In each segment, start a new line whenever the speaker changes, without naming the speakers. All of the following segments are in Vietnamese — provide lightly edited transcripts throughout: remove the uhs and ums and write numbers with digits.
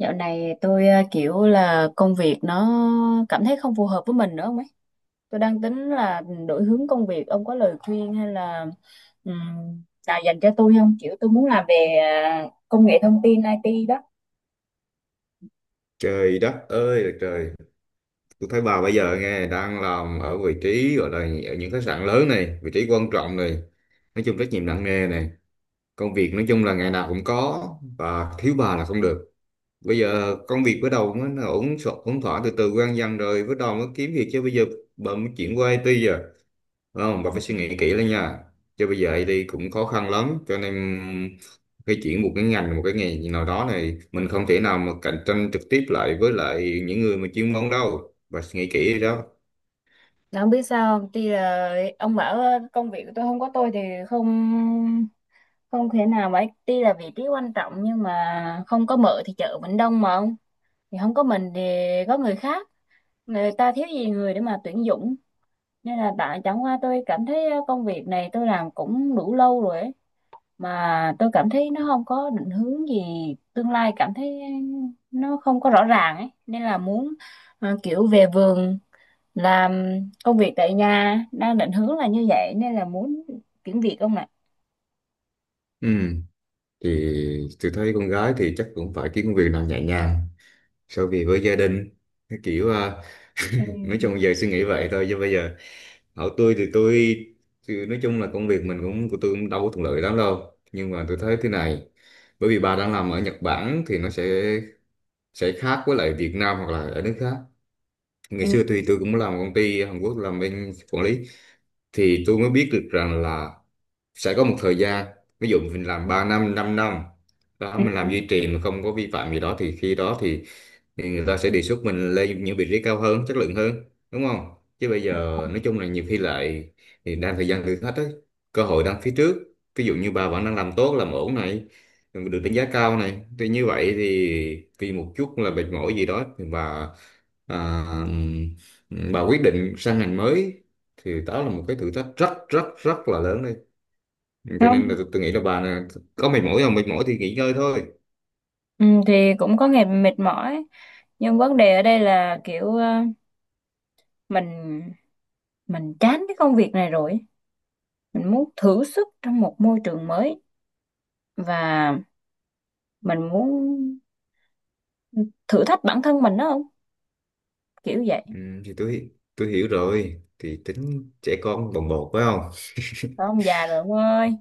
Dạo này tôi kiểu là công việc nó cảm thấy không phù hợp với mình nữa không ấy. Tôi đang tính là đổi hướng công việc. Ông có lời khuyên hay là ừm, nào dành cho tôi không? Kiểu tôi muốn làm về công nghệ thông tin IT đó.
Trời đất ơi là trời, tôi thấy bà bây giờ nghe đang làm ở vị trí gọi là ở những khách sạn lớn này, vị trí quan trọng này, nói chung trách nhiệm nặng nề này, công việc nói chung là ngày nào cũng có và thiếu bà là không được. Bây giờ công việc bắt đầu mới nó ổn thỏa từ từ quen dần rồi, bắt đầu mới kiếm việc chứ bây giờ bà mới chuyển qua IT giờ. Đúng không? Bà
Ừ.
phải suy nghĩ kỹ lên nha. Chứ bây giờ IT cũng khó khăn lắm, cho nên cái chuyển một cái ngành, một cái nghề gì nào đó này, mình không thể nào mà cạnh tranh trực tiếp lại với lại những người mà chuyên môn đâu. Bà suy nghĩ kỹ đi đó.
Mà không biết sao không? Tuy là ông bảo công việc của tôi không có tôi thì không không thể nào mà tuy là vị trí quan trọng nhưng mà không có mợ thì chợ vẫn đông mà ông. Thì không có mình thì có người khác. Người ta thiếu gì người để mà tuyển dụng nên là tại chẳng qua tôi cảm thấy công việc này tôi làm cũng đủ lâu rồi ấy. Mà tôi cảm thấy nó không có định hướng gì tương lai cảm thấy nó không có rõ ràng ấy nên là muốn kiểu về vườn làm công việc tại nhà đang định hướng là như vậy nên là muốn chuyển việc không ạ.
Ừ. Thì tôi thấy con gái thì chắc cũng phải kiếm công việc nào nhẹ nhàng, sau vì với gia đình, cái kiểu à, nói
Ừ,
chung giờ suy nghĩ vậy thôi chứ bây giờ hỏi tôi thì nói chung là công việc mình cũng của tôi cũng đâu có thuận lợi lắm đâu, nhưng mà tôi thấy thế này: bởi vì bà đang làm ở Nhật Bản thì nó sẽ khác với lại Việt Nam hoặc là ở nước khác. Ngày
ừ,
xưa thì tôi cũng làm công ty Hàn Quốc làm bên quản lý, thì tôi mới biết được rằng là sẽ có một thời gian, ví dụ mình làm 3 năm 5 năm đó mình
ừ.
làm duy trì mà không có vi phạm gì đó, thì khi đó thì người ta sẽ đề xuất mình lên những vị trí cao hơn chất lượng hơn, đúng không? Chứ bây giờ nói chung là nhiều khi lại thì đang thời gian thử thách ấy, cơ hội đang phía trước, ví dụ như bà vẫn đang làm tốt làm ổn này được đánh giá cao này, thì như vậy thì vì một chút là mệt mỏi gì đó thì bà à, bà quyết định sang ngành mới, thì đó là một cái thử thách rất rất rất là lớn đấy. Cho nên là
Không.
tôi nghĩ là bà nè, có mệt mỏi không mệt mỏi thì nghỉ ngơi thôi.
Ừ, thì cũng có ngày mệt mỏi nhưng vấn đề ở đây là kiểu mình mình chán cái công việc này rồi mình muốn thử sức trong một môi trường mới và mình muốn thử thách bản thân mình đó không kiểu vậy.
Ừ, thì tôi hiểu rồi, thì tính trẻ con bồng bột phải không,
Thôi ông già rồi ông ơi.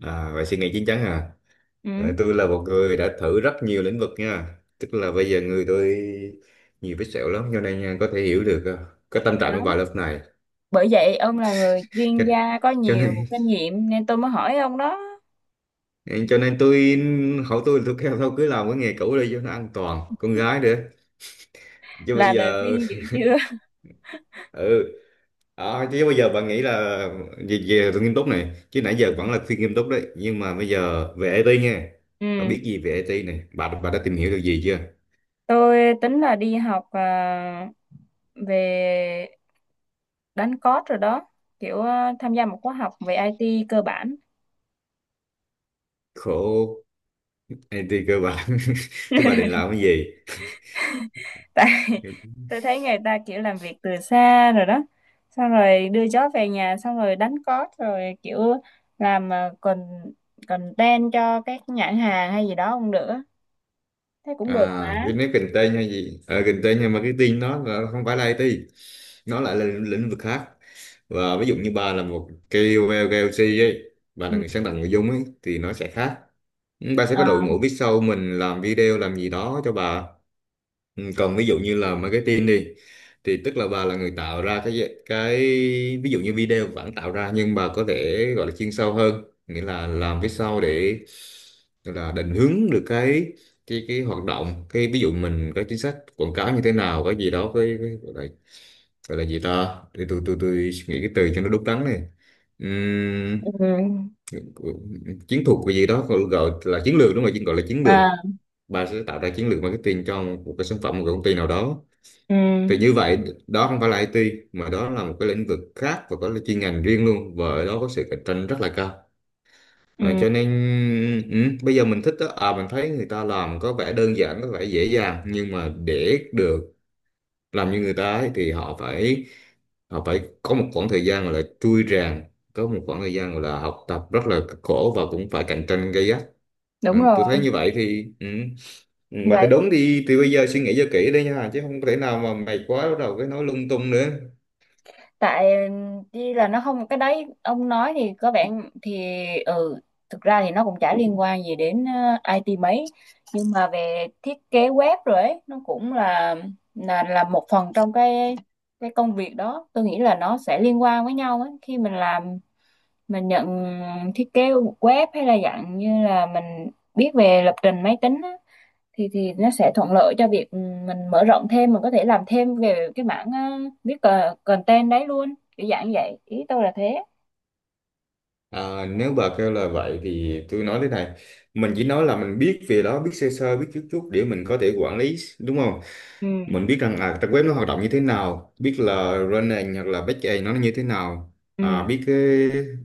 à, vậy suy nghĩ chín chắn à. Ờ,
Ừ,
tôi là một người đã thử rất nhiều lĩnh vực nha, tức là bây giờ người tôi nhiều vết sẹo lắm, cho nên nha, có thể hiểu được cái tâm
thì
trạng
đó
của bà lúc này.
bởi vậy ông là người chuyên
cho,
gia có
cho
nhiều
nên
kinh nghiệm nên tôi mới hỏi ông đó
cho nên tôi hỏi tôi kêu thôi cứ làm cái nghề cũ đi cho nó an toàn, con gái nữa, chứ bây
là lời
giờ
khuyên dữ chưa.
ừ. Ờ, chứ bây giờ bạn nghĩ là về, về nghiêm túc này chứ nãy
Ừ.
giờ vẫn là khuyên nghiêm túc đấy, nhưng mà bây giờ về IT nha. Bạn
Ừ,
biết gì về IT này, bà đã tìm hiểu được gì chưa?
tôi tính là đi học à, về đánh code rồi đó kiểu à, tham gia một khóa học về IT cơ bản
Khổ. IT cơ bản thế bà định làm cái gì?
tại tôi thấy người ta kiểu làm việc từ xa rồi đó xong rồi đưa chó về nhà xong rồi đánh cót rồi kiểu làm con content cho các nhãn hàng hay gì đó cũng được á. Thế cũng được
À
mà.
cái nếu kinh tế hay gì kinh tế, nhưng mà cái tin nó là không phải là IT, nó lại là lĩnh lĩnh vực khác. Và ví dụ như bà là một KOL KOC ấy, bà là
Ừ.
người sáng tạo nội dung ấy thì nó sẽ khác, bà sẽ
Ờ,
có đội ngũ biết sau mình làm video làm gì đó cho bà. Ừ, còn ví dụ như là marketing đi, thì tức là bà là người tạo ra cái ví dụ như video vẫn tạo ra, nhưng bà có thể gọi là chuyên sâu hơn, nghĩa là làm phía sau để gọi là định hướng được cái cái hoạt động, cái ví dụ mình có chính sách quảng cáo như thế nào, cái gì đó, gọi là gì ta, tôi suy nghĩ cái từ cho nó đúng đắn này. Ừm,
ừ.
chiến thuật cái gì đó, gọi gọi là chiến lược đúng rồi, chứ gọi là chiến lược,
À,
bà sẽ tạo ra chiến lược marketing cho một cái sản phẩm một cái công ty nào đó,
ừ.
thì như vậy đó không phải là IT mà đó là một cái lĩnh vực khác và có cái chuyên ngành riêng luôn, và ở đó có sự cạnh tranh rất là cao.
Ừ.
Ờ, cho nên ừ, bây giờ mình thích đó, à mình thấy người ta làm có vẻ đơn giản có vẻ dễ dàng, nhưng mà để được làm như người ta ấy, thì họ phải có một khoảng thời gian gọi là trui rèn, có một khoảng thời gian gọi là học tập rất là cực khổ và cũng phải cạnh tranh gay gắt. Ờ,
Đúng
tôi thấy
rồi.
như vậy thì ừ. Ừ, mà cái
Vậy
đúng thì bây giờ suy nghĩ cho kỹ đấy nha, chứ không thể nào mà mày quá bắt đầu cái nói lung tung nữa.
tại đi là nó không cái đấy ông nói thì có vẻ thì ừ thực ra thì nó cũng chả liên quan gì đến IT mấy nhưng mà về thiết kế web rồi ấy nó cũng là một phần trong cái công việc đó tôi nghĩ là nó sẽ liên quan với nhau ấy khi mình làm mình nhận thiết kế web hay là dạng như là mình biết về lập trình máy tính á, thì nó sẽ thuận lợi cho việc mình mở rộng thêm mình có thể làm thêm về cái mảng viết content đấy luôn kiểu dạng như vậy ý tôi là thế.
À, nếu bà kêu là vậy thì tôi nói thế này: mình chỉ nói là mình biết về đó, biết sơ sơ biết chút chút để mình có thể quản lý đúng không.
Ừ.
Mình biết rằng à, trang web nó hoạt động như thế nào, biết là frontend hoặc là backend nó như thế nào,
Ừ.
à, biết cái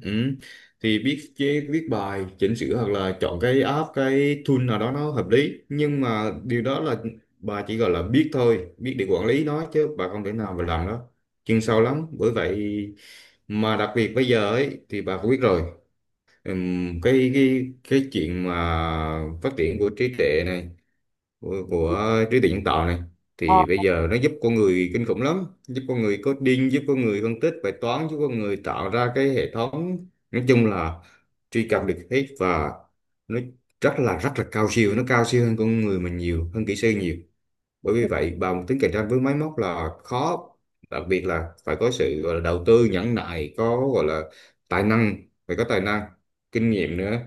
ừ, thì biết viết bài chỉnh sửa hoặc là chọn cái app cái tool nào đó nó hợp lý, nhưng mà điều đó là bà chỉ gọi là biết thôi, biết để quản lý nó chứ bà không thể nào mà làm đó chuyên sâu lắm, bởi vậy mà đặc biệt bây giờ ấy thì bà cũng biết rồi. Ừm, cái chuyện mà phát triển của trí tuệ này, của trí tuệ nhân tạo này,
Ờ,
thì bây giờ nó giúp con người kinh khủng lắm, giúp con người coding, giúp con người phân tích bài toán, giúp con người tạo ra cái hệ thống, nói chung là truy cập được hết, và nó rất là cao siêu, nó cao siêu hơn con người mình nhiều, hơn kỹ sư nhiều, bởi vì vậy bằng tính cạnh tranh với máy móc là khó, đặc biệt là phải có sự gọi là đầu tư nhẫn nại, có gọi là tài năng, phải có tài năng, kinh nghiệm nữa,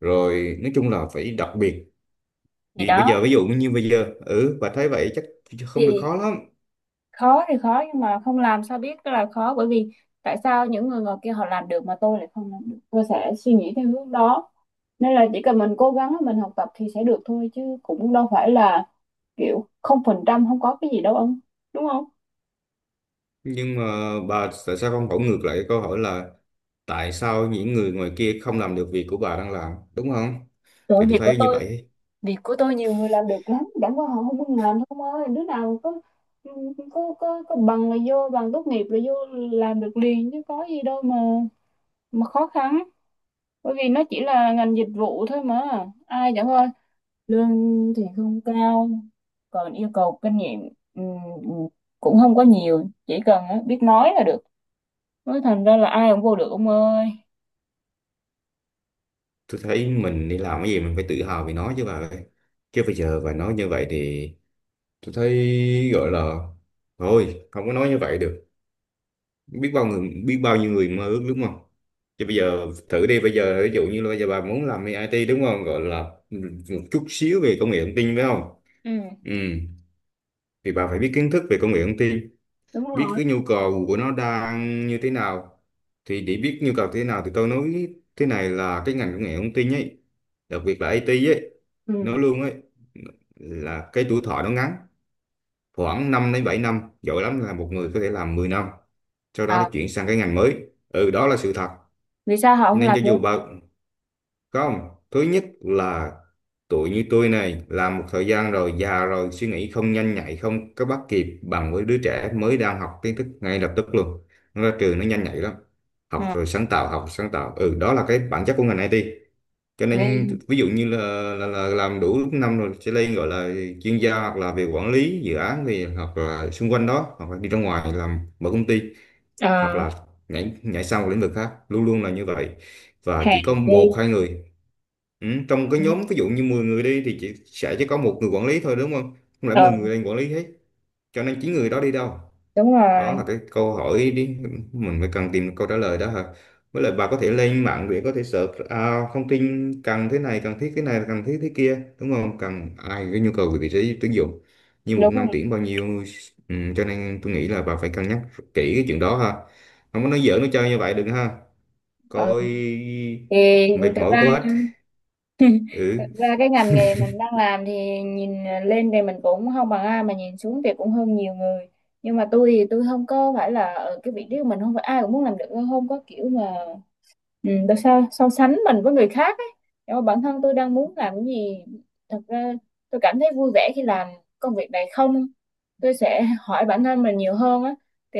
rồi nói chung là phải đặc biệt.
thì
Thì bây
đó
giờ ví dụ như bây giờ ừ bà thấy vậy chắc không được,
thì
khó lắm.
thì khó nhưng mà không làm sao biết là khó bởi vì tại sao những người ngoài kia họ làm được mà tôi lại không làm được tôi sẽ suy nghĩ theo hướng đó nên là chỉ cần mình cố gắng mình học tập thì sẽ được thôi chứ cũng đâu phải là kiểu không phần trăm không có cái gì đâu ông đúng không.
Nhưng mà bà tại sao không hỏi ngược lại cái câu hỏi là tại sao những người ngoài kia không làm được việc của bà đang làm, đúng không?
Sự
Thì tôi thấy như vậy.
việc của tôi nhiều người làm được lắm chẳng qua họ không muốn làm không ơi đứa nào có bằng là vô bằng tốt nghiệp là vô làm được liền chứ có gì đâu mà khó khăn bởi vì nó chỉ là ngành dịch vụ thôi mà ai chẳng ơi lương thì không cao còn yêu cầu kinh nghiệm ừm, ừm, cũng không có nhiều chỉ cần á, biết nói là được nói thành ra là ai cũng vô được ông ơi.
Tôi thấy mình đi làm cái gì mình phải tự hào vì nó chứ bà ơi, chứ bây giờ bà nói như vậy thì tôi thấy gọi là thôi không có nói như vậy được, biết bao người biết bao nhiêu người mơ ước đúng không. Chứ bây giờ thử đi, bây giờ ví dụ như là bây giờ bà muốn làm IT đúng không, gọi là một chút xíu về công nghệ thông tin phải không.
Ừ.
Ừ. Thì bà phải biết kiến thức về công nghệ thông tin,
Đúng
biết
rồi.
cái nhu cầu của nó đang như thế nào. Thì để biết nhu cầu thế nào thì tôi nói thế này: là cái ngành công nghệ thông tin ấy, đặc biệt là IT ấy, nó
Ừ.
luôn ấy là cái tuổi thọ nó ngắn, khoảng 5 đến 7 năm, giỏi lắm là một người có thể làm 10 năm, sau đó thì
À,
chuyển sang cái ngành mới, ừ đó là sự thật.
vì sao họ không
Nên
làm
cho dù
luôn.
bận không, thứ nhất là tuổi như tôi này làm một thời gian rồi già rồi suy nghĩ không nhanh nhạy, không có bắt kịp bằng với đứa trẻ mới đang học kiến thức ngay lập tức luôn, nó ra trường nó nhanh nhạy lắm, học
À.
rồi sáng tạo học sáng tạo, ừ đó là cái bản chất của ngành IT. Cho nên
Nghe.
ví dụ như là làm đủ năm rồi sẽ lên gọi là chuyên gia, hoặc là về quản lý dự án, thì hoặc là xung quanh đó, hoặc là đi ra ngoài làm mở công ty, hoặc
À.
là nhảy nhảy sang một lĩnh vực khác, luôn luôn là như vậy. Và chỉ
Hèn
có
chi.
một hai người ừ, trong cái nhóm ví dụ như 10 người đi thì chỉ có một người quản lý thôi, đúng không, không lẽ 10
Ờ.
người lên quản lý hết. Cho nên 9 người đó đi đâu,
Đúng rồi.
đó là cái câu hỏi đi, mình phải cần tìm câu trả lời đó hả. Với lại bà có thể lên mạng để có thể search à, thông tin cần thế này cần thiết thế này cần thiết thế kia, đúng không, cần ai cái nhu cầu về vị trí tuyển dụng như một
Đúng
năm
rồi.
tuyển bao nhiêu. Ừ, cho nên tôi nghĩ là bà phải cân nhắc kỹ cái chuyện đó ha, không có nói giỡn nói chơi như vậy đừng ha
Ờ.
coi,
Thì
mệt
thực
mỏi
ra
quá.
thực
Ừ,
ra cái ngành nghề mình đang làm thì nhìn lên thì mình cũng không bằng ai mà nhìn xuống thì cũng hơn nhiều người nhưng mà tôi thì tôi không có phải là ở cái vị trí của mình không phải ai cũng muốn làm được không có kiểu mà. Ừ, tại sao so sánh mình với người khác ấy. Nhưng mà bản thân tôi đang muốn làm cái gì thật ra tôi cảm thấy vui vẻ khi làm công việc này không tôi sẽ hỏi bản thân mình nhiều hơn á thì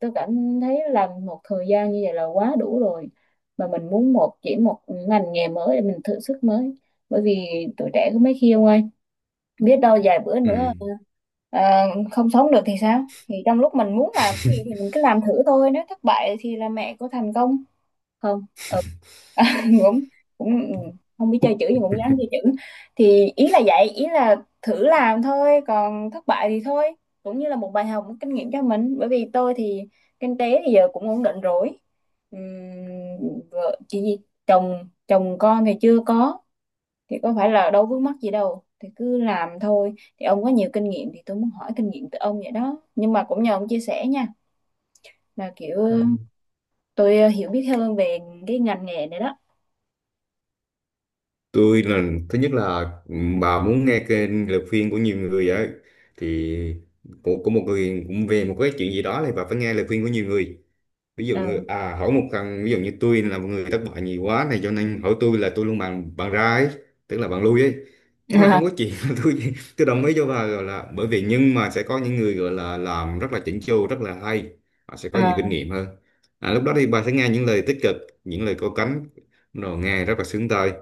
tôi cảm thấy làm một thời gian như vậy là quá đủ rồi mà mình muốn một chỉ một ngành nghề mới để mình thử sức mới bởi vì tuổi trẻ có mấy khi ông ơi biết đâu vài bữa nữa à, không sống được thì sao thì trong lúc mình muốn làm cái gì thì mình cứ làm thử thôi nếu thất bại thì là mẹ của thành công. Không. Ừ. À, cũng cũng không biết chơi chữ nhưng cũng dám chơi chữ thì ý là vậy ý là thử làm thôi còn thất bại thì thôi cũng như là một bài học một kinh nghiệm cho mình bởi vì tôi thì kinh tế thì giờ cũng ổn định rồi. Ừm, Vợ chị gì chồng chồng con thì chưa có thì có phải là đâu vướng mắc gì đâu thì cứ làm thôi thì ông có nhiều kinh nghiệm thì tôi muốn hỏi kinh nghiệm từ ông vậy đó nhưng mà cũng nhờ ông chia sẻ nha là kiểu
ừ.
tôi hiểu biết hơn về cái ngành nghề này đó.
Tôi là thứ nhất là bà muốn nghe kênh lời khuyên của nhiều người á, thì của một người cũng về một cái chuyện gì đó thì bà phải nghe lời khuyên của nhiều người. Ví dụ
Ừ.
à hỏi một thằng ví dụ như tôi là một người thất bại nhiều quá này cho nên hỏi tôi là tôi luôn bàn bàn ra ấy, tức là bàn lui ấy. Tức là
À,
không có chuyện là tôi đồng ý cho bà gọi là, bởi vì nhưng mà sẽ có những người gọi là làm rất là chỉnh chu rất là hay, họ sẽ có
à,
nhiều kinh
không.
nghiệm hơn. À, lúc đó thì bà sẽ nghe những lời tích cực, những lời có cánh, rồi nghe rất là sướng tai,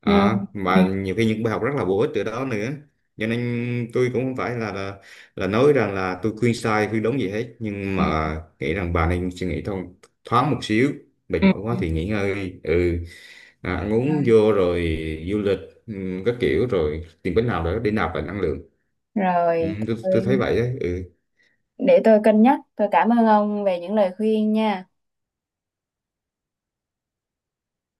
à,
Ừ,
mà nhiều khi những bài học rất là bổ ích từ đó nữa. Cho nên tôi cũng không phải là, là nói rằng là tôi khuyên sai khuyên đúng gì hết, nhưng
ừ,
mà nghĩ rằng bà nên suy nghĩ thông thoáng một xíu, mệt
ừ,
mỏi
ừ.
quá thì nghỉ ngơi đi. Ừ à, ăn uống
Rồi,
vô rồi du lịch ừ, các kiểu, rồi tìm cách nào đó để nạp lại năng lượng. Ừ,
rồi
tôi thấy vậy đấy ừ.
để tôi cân nhắc. Tôi cảm ơn ông về những lời khuyên nha.